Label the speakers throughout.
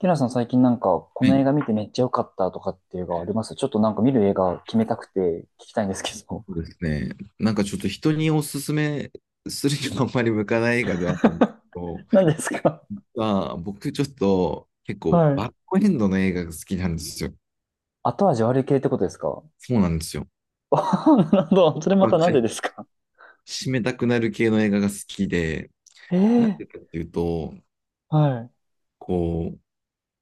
Speaker 1: ティラさん、最近なんか、こ
Speaker 2: は
Speaker 1: の
Speaker 2: い。
Speaker 1: 映画見てめっちゃ良かったとかっていう映画あります？ちょっとなんか見る映画決めたくて聞きたいんですけど。
Speaker 2: そうですね。なんかちょっと人におすすめするにはあんまり向かない映画ではあるんですけど、
Speaker 1: 何ですか？
Speaker 2: まあ、僕ちょっと結構
Speaker 1: はい。
Speaker 2: バッドエンドの映画が好きなんですよ。
Speaker 1: 後味悪い系ってことですか？
Speaker 2: そうなんですよ。
Speaker 1: あ、 なるほど。それま
Speaker 2: まあ、
Speaker 1: たなんでですか？
Speaker 2: 締めたくなる系の映画が好きで、
Speaker 1: え
Speaker 2: なんでか
Speaker 1: え、
Speaker 2: っていうと、
Speaker 1: はい。
Speaker 2: こう、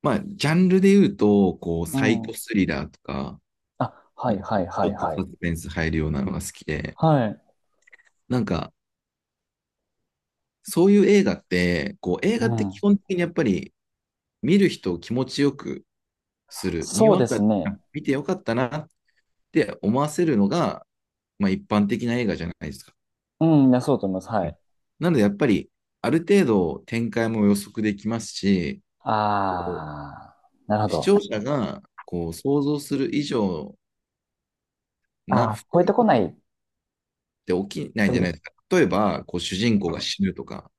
Speaker 2: まあ、ジャンルで言うと、こう、
Speaker 1: う
Speaker 2: サイコ
Speaker 1: ん。
Speaker 2: スリラーとか、
Speaker 1: あ、は
Speaker 2: まあ
Speaker 1: いはい
Speaker 2: ち
Speaker 1: はい
Speaker 2: ょっと
Speaker 1: は
Speaker 2: サ
Speaker 1: い。
Speaker 2: スペンス入るようなのが好きで、
Speaker 1: はい。
Speaker 2: なんか、そういう映画って、こう、映
Speaker 1: う
Speaker 2: 画って基
Speaker 1: ん。
Speaker 2: 本的にやっぱり見る人を気持ちよくする。見終
Speaker 1: そう
Speaker 2: わ
Speaker 1: で
Speaker 2: っ
Speaker 1: す
Speaker 2: た
Speaker 1: ね。
Speaker 2: ら見てよかったなって思わせるのが、まあ、一般的な映画じゃないですか。
Speaker 1: うん、いやそうだと思います。
Speaker 2: う
Speaker 1: は
Speaker 2: ん
Speaker 1: い。
Speaker 2: なので、やっぱり、ある程度展開も予測できますし、
Speaker 1: あー、なるほ
Speaker 2: 視
Speaker 1: ど。
Speaker 2: 聴者がこう想像する以上な不
Speaker 1: あー、
Speaker 2: 幸
Speaker 1: 超えて
Speaker 2: な
Speaker 1: こ
Speaker 2: ん
Speaker 1: ないって
Speaker 2: て起きない
Speaker 1: こ
Speaker 2: じ
Speaker 1: と
Speaker 2: ゃ
Speaker 1: で
Speaker 2: ない
Speaker 1: す。
Speaker 2: ですか。例えば、こう主人公が死ぬとか、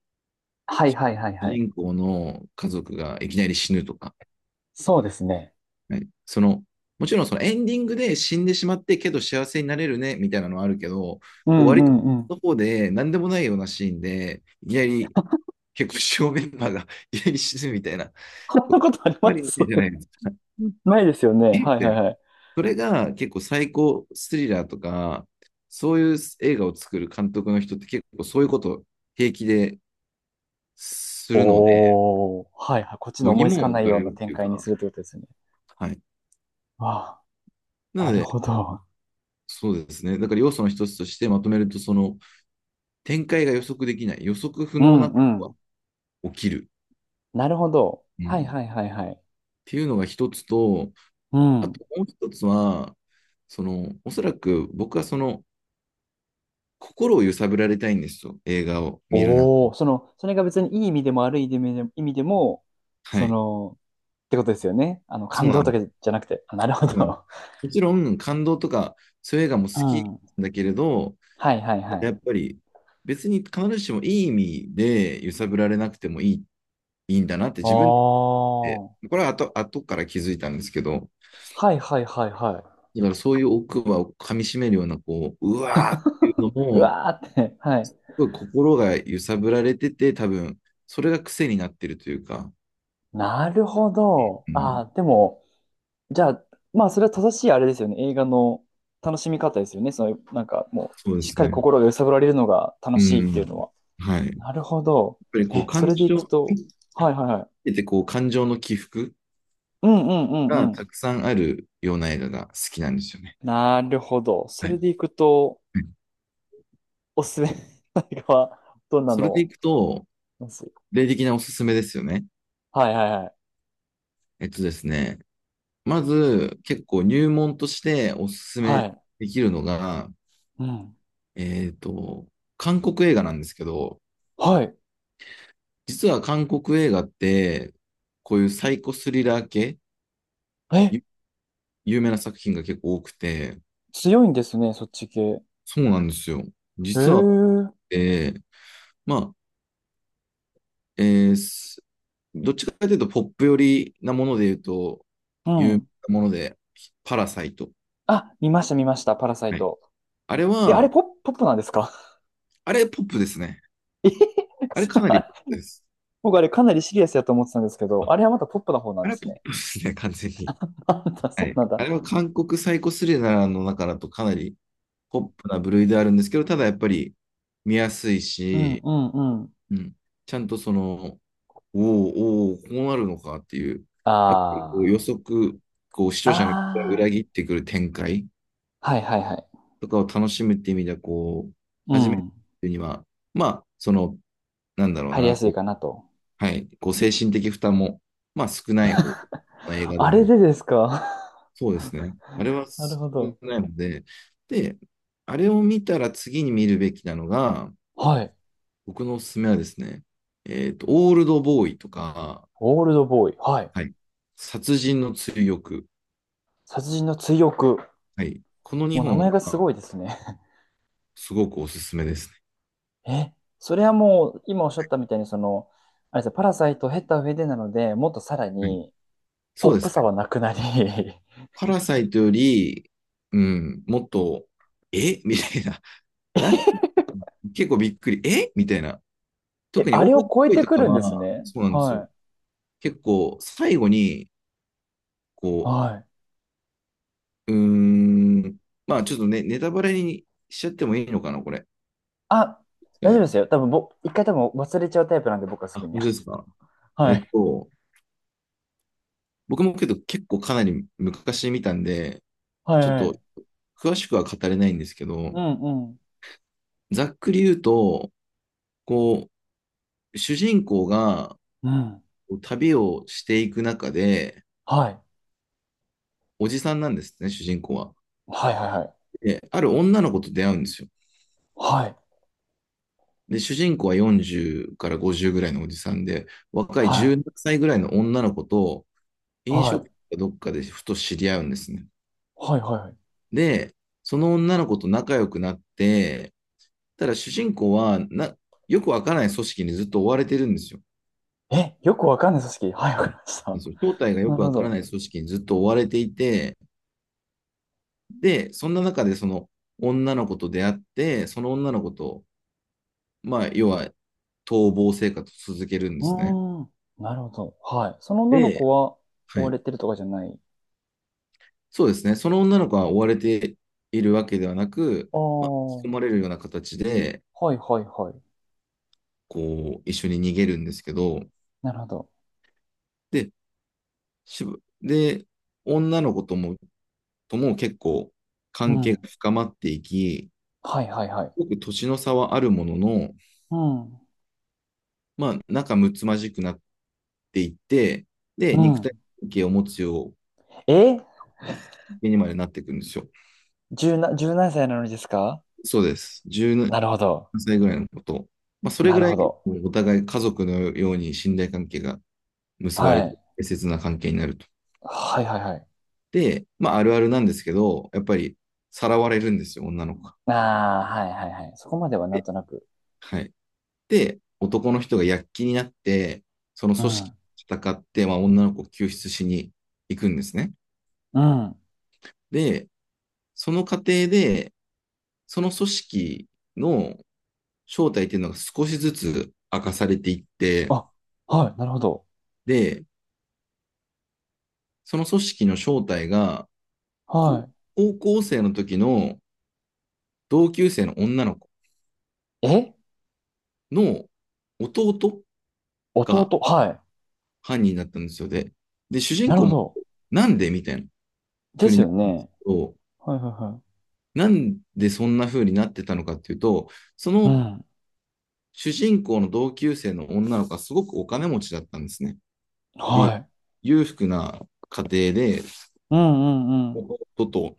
Speaker 1: はいはいはい
Speaker 2: 主
Speaker 1: はい。
Speaker 2: 人公の家族がいきなり死ぬとか、
Speaker 1: そうですね。
Speaker 2: はい、もちろんそのエンディングで死んでしまってけど幸せになれるねみたいなのはあるけど、
Speaker 1: う
Speaker 2: こう
Speaker 1: んう
Speaker 2: 割と
Speaker 1: んうん。
Speaker 2: の方で何でもないようなシーンで、いきなり結構主要メンバーが いきなり死ぬみたいな、
Speaker 1: こん
Speaker 2: こ
Speaker 1: な
Speaker 2: う
Speaker 1: ことあり
Speaker 2: あんま
Speaker 1: ま
Speaker 2: りな
Speaker 1: す？
Speaker 2: いじゃないですか。
Speaker 1: ないですよね。はいは
Speaker 2: え
Speaker 1: いはい。
Speaker 2: それが結構最高スリラーとか、そういう映画を作る監督の人って結構そういうことを平気でするので、
Speaker 1: おー、はいはい。こっちの
Speaker 2: 度
Speaker 1: 思いつ
Speaker 2: 肝
Speaker 1: か
Speaker 2: を抜
Speaker 1: ない
Speaker 2: か
Speaker 1: よ
Speaker 2: れ
Speaker 1: うな
Speaker 2: るっ
Speaker 1: 展
Speaker 2: ていう
Speaker 1: 開に
Speaker 2: か、
Speaker 1: するってことですよね。
Speaker 2: はい。
Speaker 1: わあ、
Speaker 2: な
Speaker 1: な
Speaker 2: の
Speaker 1: る
Speaker 2: で、
Speaker 1: ほど。
Speaker 2: そうですね。だから要素の一つとしてまとめると、その、展開が予測できない、予測不
Speaker 1: う
Speaker 2: 能
Speaker 1: ん
Speaker 2: な
Speaker 1: うん。
Speaker 2: 起きる
Speaker 1: なるほど。
Speaker 2: う
Speaker 1: はい
Speaker 2: ん。
Speaker 1: はい
Speaker 2: っ
Speaker 1: はいはい。
Speaker 2: ていうのが一つと、
Speaker 1: う
Speaker 2: あ
Speaker 1: ん。
Speaker 2: ともう一つは、その、おそらく僕はその、心を揺さぶられたいんですよ、映画を見る中で。
Speaker 1: おお、その、それが別にいい意味でも悪い意味でも、意味でも、
Speaker 2: は
Speaker 1: そ
Speaker 2: い。
Speaker 1: の、ってことですよね。あの、
Speaker 2: そう
Speaker 1: 感
Speaker 2: な
Speaker 1: 動と
Speaker 2: の。
Speaker 1: かじゃなくて。あ、なるほ
Speaker 2: そうなの、
Speaker 1: ど。
Speaker 2: もちろん、感動とか、そういう映画も好
Speaker 1: う
Speaker 2: き
Speaker 1: ん。は
Speaker 2: だけれど、
Speaker 1: いはいはい。
Speaker 2: やっぱり、別に必ずしもいい意味で揺さぶられなくてもいい、いいんだなって
Speaker 1: お
Speaker 2: 自分で言って、
Speaker 1: ー。
Speaker 2: これは後から気づいたんですけど、
Speaker 1: はいはいはいはい。
Speaker 2: だからそういう奥歯を噛み締めるような、こう、うわーっていうの
Speaker 1: う
Speaker 2: も、す
Speaker 1: わーって。はい。
Speaker 2: ごい心が揺さぶられてて、多分、それが癖になってるというか、
Speaker 1: なるほど。
Speaker 2: うん、
Speaker 1: あー、でも、じゃあ、まあ、それは正しいあれですよね。映画の楽しみ方ですよね。その、なんかもう、
Speaker 2: そうで
Speaker 1: しっ
Speaker 2: す
Speaker 1: かり
Speaker 2: ね。
Speaker 1: 心が揺さぶられるのが楽
Speaker 2: う
Speaker 1: しいってい
Speaker 2: ん。
Speaker 1: うのは。
Speaker 2: はい。やっ
Speaker 1: なるほど。
Speaker 2: ぱりこう、
Speaker 1: え、そ
Speaker 2: 感
Speaker 1: れでいく
Speaker 2: 情、
Speaker 1: と、はいはいはい。
Speaker 2: 見ててこう、感情の起伏
Speaker 1: うんうんうん
Speaker 2: が
Speaker 1: う
Speaker 2: た
Speaker 1: ん。
Speaker 2: くさんあるような映画が好きなんですよね。
Speaker 1: なるほど。そ
Speaker 2: は
Speaker 1: れ
Speaker 2: い。
Speaker 1: でいくと、
Speaker 2: うん
Speaker 1: おすすめの映画はどんな
Speaker 2: それで
Speaker 1: の
Speaker 2: いくと、
Speaker 1: ます？
Speaker 2: 例的なおすすめですよね。
Speaker 1: はいはいはい。
Speaker 2: ですね、まず、結構入門としておすす
Speaker 1: は
Speaker 2: め
Speaker 1: い。
Speaker 2: できるのが、
Speaker 1: うん。
Speaker 2: えっと、韓国映画なんですけど、
Speaker 1: はい。
Speaker 2: 実は韓国映画って、こういうサイコスリラー系、
Speaker 1: え、
Speaker 2: ゆ有名な作品が結構多くて、
Speaker 1: 強いんですね、そっち系。へ
Speaker 2: そうなんですよ。
Speaker 1: え。
Speaker 2: 実は、
Speaker 1: う
Speaker 2: えーまあ、えーすどっちかというとポップ寄りなもので言うと、有名
Speaker 1: ん。
Speaker 2: なもので、パラサイト。
Speaker 1: あ、見ました見ました、パラサイ
Speaker 2: はい、
Speaker 1: ト。
Speaker 2: あれ
Speaker 1: え、あれ
Speaker 2: は、
Speaker 1: ポップ、ポップなんですか？
Speaker 2: あれポップですね。
Speaker 1: え、
Speaker 2: あれかなりポッ プです。
Speaker 1: 僕あれかなりシリアスやと思ってたんですけど、
Speaker 2: あ
Speaker 1: あれはまたポップな方な
Speaker 2: あ
Speaker 1: んで
Speaker 2: れ
Speaker 1: す
Speaker 2: ポッ
Speaker 1: ね。
Speaker 2: プですね、完全に。
Speaker 1: あんた、そ
Speaker 2: は
Speaker 1: う
Speaker 2: い。
Speaker 1: なんだ。
Speaker 2: あれは韓国サイコスリラーの中だとかなりポップな部類であるんですけど、ただやっぱり見やすい
Speaker 1: うん、
Speaker 2: し、
Speaker 1: うん、うん。
Speaker 2: うん、ちゃんとその、おお、おーこうなるのかっていう、やっぱりこう予
Speaker 1: あ
Speaker 2: 測、こう視聴者の期待を
Speaker 1: あ。
Speaker 2: 裏
Speaker 1: あ
Speaker 2: 切ってくる展開
Speaker 1: あ。はい、はい、はい。
Speaker 2: とかを楽しむっていう意味では、こう、
Speaker 1: う
Speaker 2: 初め
Speaker 1: ん。
Speaker 2: てには、まあ、その、なんだろう
Speaker 1: 入り
Speaker 2: な、
Speaker 1: やすい
Speaker 2: こ
Speaker 1: かなと。
Speaker 2: う、はい、こう精神的負担も、まあ少ない方の映画で
Speaker 1: あ
Speaker 2: な
Speaker 1: れ
Speaker 2: る。
Speaker 1: でですか？
Speaker 2: そうですね。あれは
Speaker 1: なるほ
Speaker 2: 少
Speaker 1: ど。
Speaker 2: ないので、で、あれを見たら次に見るべきなのが、
Speaker 1: はい。
Speaker 2: 僕のおすすめはですね、オールドボーイとか、
Speaker 1: オールドボーイ。はい。
Speaker 2: はい、殺人の追憶。
Speaker 1: 殺人の追憶。
Speaker 2: はい。この
Speaker 1: もう
Speaker 2: 2
Speaker 1: 名
Speaker 2: 本
Speaker 1: 前がす
Speaker 2: は
Speaker 1: ごいですね。
Speaker 2: すごくおすすめですね。
Speaker 1: え、それはもう、今おっしゃったみたいに、その、あれですよ、パラサイトを経た上でなので、もっとさら
Speaker 2: うん
Speaker 1: に、ポ
Speaker 2: そ
Speaker 1: ッ
Speaker 2: うです
Speaker 1: プ
Speaker 2: ね。
Speaker 1: さはなくなり。
Speaker 2: パラサイトより、うん、もっと、え みたいな。な結構びっくり。えみたいな。
Speaker 1: え、
Speaker 2: 特に
Speaker 1: あ
Speaker 2: オ
Speaker 1: れ
Speaker 2: ール
Speaker 1: を
Speaker 2: ド
Speaker 1: 超え
Speaker 2: ボーイ
Speaker 1: て
Speaker 2: と
Speaker 1: く
Speaker 2: か
Speaker 1: るんです
Speaker 2: は、
Speaker 1: ね。
Speaker 2: そうなんですよ。
Speaker 1: はい。
Speaker 2: 結構最後に、こ
Speaker 1: はい。
Speaker 2: う、うーん、まあちょっとね、ネタバレにしちゃってもいいのかな、これで
Speaker 1: あ、
Speaker 2: すか
Speaker 1: 大丈夫
Speaker 2: ね？
Speaker 1: ですよ。多分ぼ、一回多分忘れちゃうタイプなんで、僕はす
Speaker 2: あ、
Speaker 1: ぐに。
Speaker 2: 本当ですか？ え
Speaker 1: は
Speaker 2: っ
Speaker 1: い。
Speaker 2: と、僕もけど結構かなり昔見たんで、
Speaker 1: はい
Speaker 2: ちょっ
Speaker 1: は
Speaker 2: と
Speaker 1: い。
Speaker 2: 詳しくは語れないんですけど、
Speaker 1: うんうん。
Speaker 2: ざっくり言うと、こう、主人公が
Speaker 1: うん。
Speaker 2: 旅をしていく中で、
Speaker 1: はい。
Speaker 2: おじさんなんですね、主人公は。
Speaker 1: はいはいはい。
Speaker 2: で、ある女の子と出会うんですよ。
Speaker 1: はい。
Speaker 2: で、主人公は40から50ぐらいのおじさんで、若い
Speaker 1: はい。
Speaker 2: 17歳ぐらいの女の子と飲
Speaker 1: は
Speaker 2: 食
Speaker 1: い。
Speaker 2: 店かどっかでふと知り合うんですね。
Speaker 1: はいはい。
Speaker 2: で、その女の子と仲良くなって、ただ主人公は、よくわからない組織にずっと追われてるんですよ。
Speaker 1: え、よくわかんない組織。はい、わかりました。
Speaker 2: 正体が よ
Speaker 1: な
Speaker 2: く
Speaker 1: る
Speaker 2: わ
Speaker 1: ほ
Speaker 2: から
Speaker 1: ど。
Speaker 2: ない組織にずっと追われていて、で、そんな中でその女の子と出会って、その女の子と、まあ、要は逃亡生活を続けるん
Speaker 1: う
Speaker 2: ですね。
Speaker 1: ーん。なるほど。はい。その女の
Speaker 2: で、
Speaker 1: 子は追
Speaker 2: は
Speaker 1: わ
Speaker 2: い。
Speaker 1: れてるとかじゃない？
Speaker 2: そうですね。その女の子は追われているわけではなく、
Speaker 1: ああ。
Speaker 2: まあ、引き込
Speaker 1: は
Speaker 2: まれるような形で、
Speaker 1: いはいはい。
Speaker 2: こう、一緒に逃げるんですけど、
Speaker 1: なるほど。
Speaker 2: で、しぶで、女の子とも結構
Speaker 1: う
Speaker 2: 関係
Speaker 1: ん。
Speaker 2: が深まっていき、
Speaker 1: はいはいはい。
Speaker 2: すごく年の差はあるものの、
Speaker 1: うん。
Speaker 2: まあ、仲睦まじくなっていって、で、
Speaker 1: う
Speaker 2: 肉体
Speaker 1: ん。
Speaker 2: 関係を持つよ
Speaker 1: え、
Speaker 2: うにまでなっていくんですよ。
Speaker 1: 十な、十何歳なのにですか？
Speaker 2: そうです。17
Speaker 1: なるほど。
Speaker 2: 歳ぐらいのこと。まあ、それ
Speaker 1: な
Speaker 2: ぐ
Speaker 1: る
Speaker 2: らい
Speaker 1: ほど。
Speaker 2: お互い家族のように信頼関係が結ば
Speaker 1: は
Speaker 2: れて、
Speaker 1: い。
Speaker 2: 適切な関係になると。
Speaker 1: はいはいはい。
Speaker 2: で、まあ、あるあるなんですけど、やっぱりさらわれるんですよ、女の子が。
Speaker 1: ああ、はいはいはい。そこまではなん
Speaker 2: で、
Speaker 1: となく。
Speaker 2: はい。で、男の人が躍起になって、その
Speaker 1: う
Speaker 2: 組織
Speaker 1: ん。
Speaker 2: と戦って、まあ、女の子を救出しに行くんですね。
Speaker 1: うん。
Speaker 2: で、その過程で、その組織の正体っていうのが少しずつ明かされていって、
Speaker 1: あ、はい、なるほど。
Speaker 2: で、その組織の正体が、
Speaker 1: は
Speaker 2: 高校生の時の同級生の女の子
Speaker 1: い。え、
Speaker 2: の弟が
Speaker 1: 弟、はい。
Speaker 2: 犯人だったんですよ。で、主人
Speaker 1: なる
Speaker 2: 公
Speaker 1: ほ
Speaker 2: も、
Speaker 1: ど。
Speaker 2: なんでみたいな
Speaker 1: で
Speaker 2: 風
Speaker 1: す
Speaker 2: にな
Speaker 1: よ
Speaker 2: る
Speaker 1: ね。
Speaker 2: と、
Speaker 1: はいはいは
Speaker 2: なんでそんな風になってたのかっていうと、そ
Speaker 1: い。う
Speaker 2: の
Speaker 1: ん。
Speaker 2: 主人公の同級生の女の子はすごくお金持ちだったんですね。で、
Speaker 1: はい。
Speaker 2: 裕福な家庭で、
Speaker 1: うんうんうん。
Speaker 2: 弟と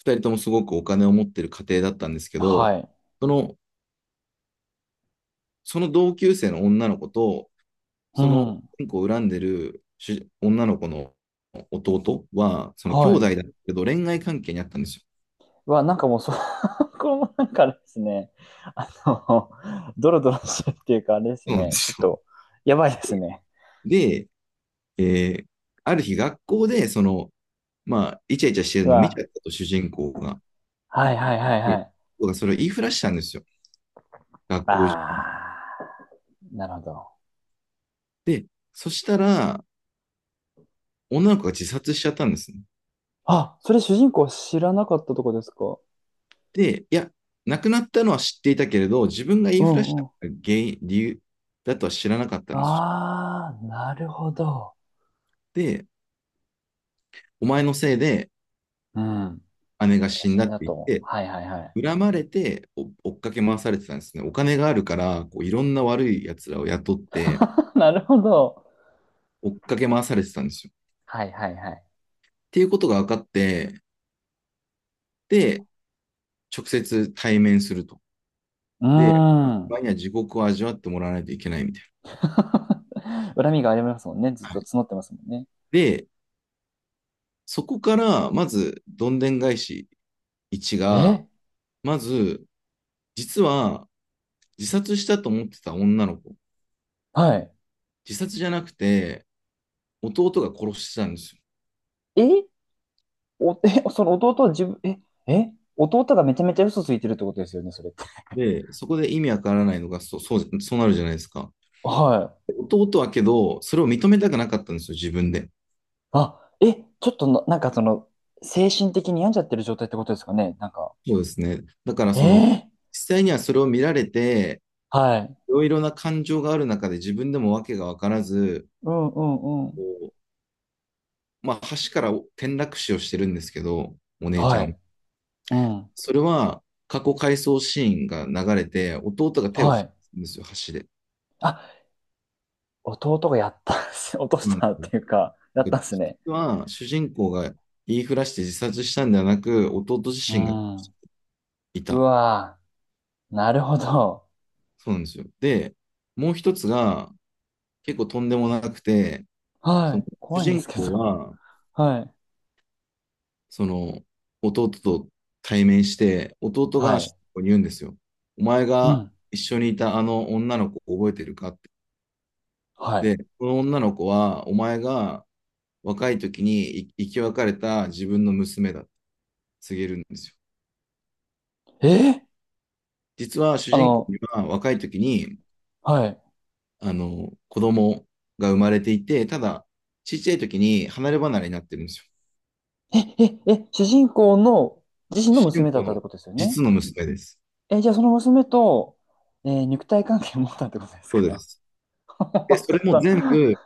Speaker 2: 二人ともすごくお金を持ってる家庭だったんですけど、
Speaker 1: はい。
Speaker 2: その、その同級生の女の子と、
Speaker 1: う
Speaker 2: その
Speaker 1: ん。
Speaker 2: 主人公を恨んでる女の子の弟は、その兄
Speaker 1: は
Speaker 2: 弟
Speaker 1: い。
Speaker 2: だけど恋愛関係にあったんですよ。
Speaker 1: うわ、なんかもうそ、これもなんかあれですね。あの、ドロドロしてるっていうかあれです
Speaker 2: そうなんで
Speaker 1: ね。ちょっ
Speaker 2: すよ。
Speaker 1: と、やばいですね。
Speaker 2: で、えーある日学校で、まあ、イチャイチャしてる
Speaker 1: う
Speaker 2: のを見ち
Speaker 1: わ、
Speaker 2: ゃったと、主人公が。
Speaker 1: はいはいはい
Speaker 2: で、
Speaker 1: はい。
Speaker 2: 僕がそれを言いふらしたんですよ。学校中に。
Speaker 1: ああ、なるほど。
Speaker 2: で、そしたら、女の子が自殺しちゃったんですね。
Speaker 1: あ、それ主人公は知らなかったとこですか？
Speaker 2: で、いや、亡くなったのは知っていたけれど、自分が言い
Speaker 1: う
Speaker 2: ふらし
Speaker 1: ん
Speaker 2: た
Speaker 1: うん。
Speaker 2: 原因、理由だとは知らなかったんです
Speaker 1: ああ、なるほど。
Speaker 2: よ。で、お前のせいで
Speaker 1: うん。
Speaker 2: 姉が
Speaker 1: 写
Speaker 2: 死んだ
Speaker 1: 真
Speaker 2: って
Speaker 1: だ
Speaker 2: 言っ
Speaker 1: と。
Speaker 2: て、
Speaker 1: はいはいはい。
Speaker 2: 恨まれて追っかけ回されてたんですね。お金があるから、こういろんな悪い奴らを雇って
Speaker 1: なるほど。
Speaker 2: 追っかけ回されてたんですよ。
Speaker 1: はいはいはい。
Speaker 2: っていうことが分かって、で、直接対面すると。
Speaker 1: うー
Speaker 2: で、場
Speaker 1: ん。
Speaker 2: 合には地獄を味わってもらわないといけないみたい
Speaker 1: 恨みがありますもんね。ずっ
Speaker 2: な。は
Speaker 1: と募
Speaker 2: い、
Speaker 1: ってますもんね。
Speaker 2: で、そこから、まず、どんでん返し1が、
Speaker 1: え、
Speaker 2: まず、実は、自殺したと思ってた女の子、
Speaker 1: はい。
Speaker 2: 自殺じゃなくて、弟が殺してたんですよ。
Speaker 1: え、お、え、その弟は自分、え、え、弟がめちゃめちゃ嘘ついてるってことですよね、それって。
Speaker 2: で、そこで意味わからないのが、そう、そう、そうなるじゃないですか。
Speaker 1: はい。
Speaker 2: 弟はけど、それを認めたくなかったんですよ、自分で。
Speaker 1: あ、え、ちょっとな、なんかその、精神的に病んじゃってる状態ってことですかね。なんか、
Speaker 2: そうですね。だから、
Speaker 1: え
Speaker 2: その、
Speaker 1: え、
Speaker 2: 実際にはそれを見られて、
Speaker 1: はい。
Speaker 2: いろいろな感情がある中で自分でも訳が分からず、
Speaker 1: うんうんう
Speaker 2: こ
Speaker 1: ん。
Speaker 2: うまあ、橋から転落死をしてるんですけど、お姉ちゃ
Speaker 1: は
Speaker 2: ん。
Speaker 1: い。うん。
Speaker 2: それは過去回想シーンが流れて、弟が手を
Speaker 1: は
Speaker 2: 張
Speaker 1: い。
Speaker 2: るんですよ、橋で。
Speaker 1: あ、弟がやったんす。落と
Speaker 2: そ
Speaker 1: し
Speaker 2: うなんで
Speaker 1: たっ
Speaker 2: すよ。
Speaker 1: ていうか、やっ
Speaker 2: だ
Speaker 1: た
Speaker 2: か
Speaker 1: ん
Speaker 2: ら
Speaker 1: すね。
Speaker 2: 実は主人公が言いふらして自殺したんではなく、弟自
Speaker 1: う
Speaker 2: 身が
Speaker 1: ん。
Speaker 2: い
Speaker 1: う
Speaker 2: た。
Speaker 1: わぁ。なるほど。
Speaker 2: そうなんですよ。で、もう一つが結構とんでもなくて、
Speaker 1: は
Speaker 2: その
Speaker 1: い。
Speaker 2: 主
Speaker 1: 怖いんで
Speaker 2: 人
Speaker 1: すけ
Speaker 2: 公
Speaker 1: ど。
Speaker 2: は
Speaker 1: はい。
Speaker 2: その、弟と対面して、弟
Speaker 1: は
Speaker 2: が主
Speaker 1: い。
Speaker 2: 人公に言うんですよ。お前
Speaker 1: う
Speaker 2: が
Speaker 1: ん。
Speaker 2: 一緒にいたあの女の子覚えてるかって。
Speaker 1: はい。
Speaker 2: で、この女の子は、お前が若い時に生き別れた自分の娘だって告げるんですよ。
Speaker 1: えー
Speaker 2: 実は主
Speaker 1: あ
Speaker 2: 人公
Speaker 1: の、
Speaker 2: には若い時に、
Speaker 1: はい。
Speaker 2: 子供が生まれていて、ただ、ちっちゃい時に離れ離れになってるんですよ。
Speaker 1: え、え、え、主人公の自身の
Speaker 2: 主人
Speaker 1: 娘だ
Speaker 2: 公
Speaker 1: ったって
Speaker 2: の
Speaker 1: ことですよね。
Speaker 2: 実の娘です。
Speaker 1: え、じゃあその娘と、肉体関係を持ったってことです
Speaker 2: そうで
Speaker 1: か？
Speaker 2: す。
Speaker 1: ちょ
Speaker 2: で、それ
Speaker 1: っ
Speaker 2: も
Speaker 1: と、
Speaker 2: 全部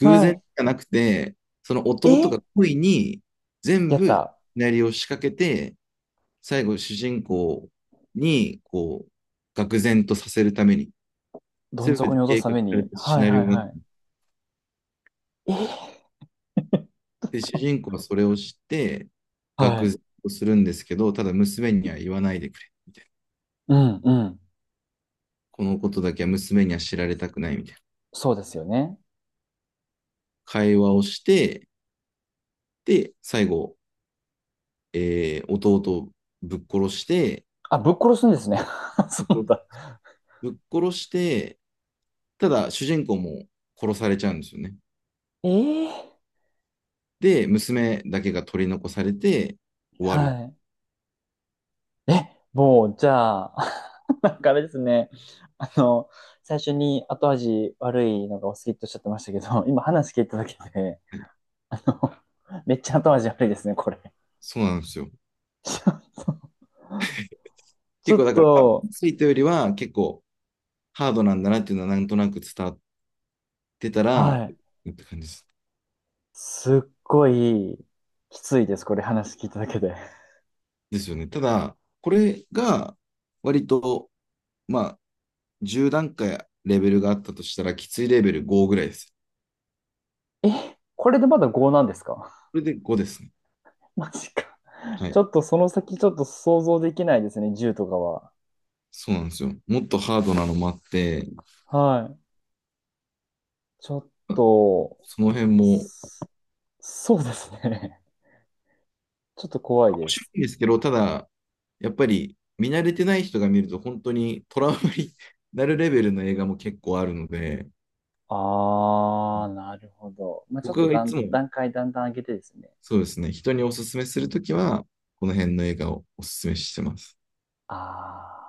Speaker 2: 偶然
Speaker 1: は
Speaker 2: じゃなくて、その
Speaker 1: い。
Speaker 2: 弟
Speaker 1: え、
Speaker 2: が恋に全
Speaker 1: やっ
Speaker 2: 部シ
Speaker 1: た。
Speaker 2: ナリオを仕掛けて、最後主人公にこう、愕然とさせるために、
Speaker 1: どん
Speaker 2: 全
Speaker 1: 底
Speaker 2: て
Speaker 1: に落とす
Speaker 2: 計
Speaker 1: た
Speaker 2: 画
Speaker 1: め
Speaker 2: され
Speaker 1: に。
Speaker 2: たシ
Speaker 1: はい
Speaker 2: ナリ
Speaker 1: はい
Speaker 2: オがあっ
Speaker 1: はい。えー
Speaker 2: て、主人公はそれを知って、
Speaker 1: は
Speaker 2: 愕
Speaker 1: い。
Speaker 2: 然とするんですけど、ただ娘には言わないでくれ。
Speaker 1: うんうん。
Speaker 2: このことだけは娘には知られたくないみたいな
Speaker 1: そうですよね。
Speaker 2: 会話をして、で、最後、弟をぶっ殺して、
Speaker 1: あ、ぶっ殺すんですね。そうだ。
Speaker 2: ぶっ殺して、ただ、主人公も殺されちゃうんですよね。
Speaker 1: えええ、
Speaker 2: で、娘だけが取り残されて終わる。
Speaker 1: はい。え、もう、じゃあ、なんかあれですね。あの、最初に後味悪いのがお好きっておっしゃってましたけど、今話聞いただけで、あの、めっちゃ後味悪いですね、これ。
Speaker 2: そうなんですよ。
Speaker 1: ち
Speaker 2: 結
Speaker 1: ょ
Speaker 2: 構
Speaker 1: っ
Speaker 2: だから、
Speaker 1: と、
Speaker 2: ついたよりは結構ハードなんだなっていうのはなんとなく伝わってたら、
Speaker 1: は
Speaker 2: っ
Speaker 1: い。
Speaker 2: て感じです。
Speaker 1: すっごい、きついです、これ話聞いただけで。
Speaker 2: ですよね。ただ、これが割と、まあ、10段階レベルがあったとしたら、きついレベル5ぐらいです。
Speaker 1: え、これでまだ5なんですか？
Speaker 2: これで5ですね。
Speaker 1: マジか。
Speaker 2: は
Speaker 1: ち
Speaker 2: い。
Speaker 1: ょっとその先ちょっと想像できないですね、銃とかは。
Speaker 2: そうなんですよ。もっとハードなのもあって、
Speaker 1: はい。ちょっと、
Speaker 2: その辺も面
Speaker 1: そ、そうですね。ちょっと怖いで
Speaker 2: 白
Speaker 1: す。
Speaker 2: いんですけど、ただ、やっぱり見慣れてない人が見ると本当にトラウマに なるレベルの映画も結構あるので、
Speaker 1: あー、なるほど。まあ、ちょっ
Speaker 2: 僕
Speaker 1: と
Speaker 2: がいつ
Speaker 1: 段、
Speaker 2: も
Speaker 1: 段階だんだん上げてですね。
Speaker 2: そうですね、人におすすめするときは、この辺の映画をおすすめしてます。
Speaker 1: あー。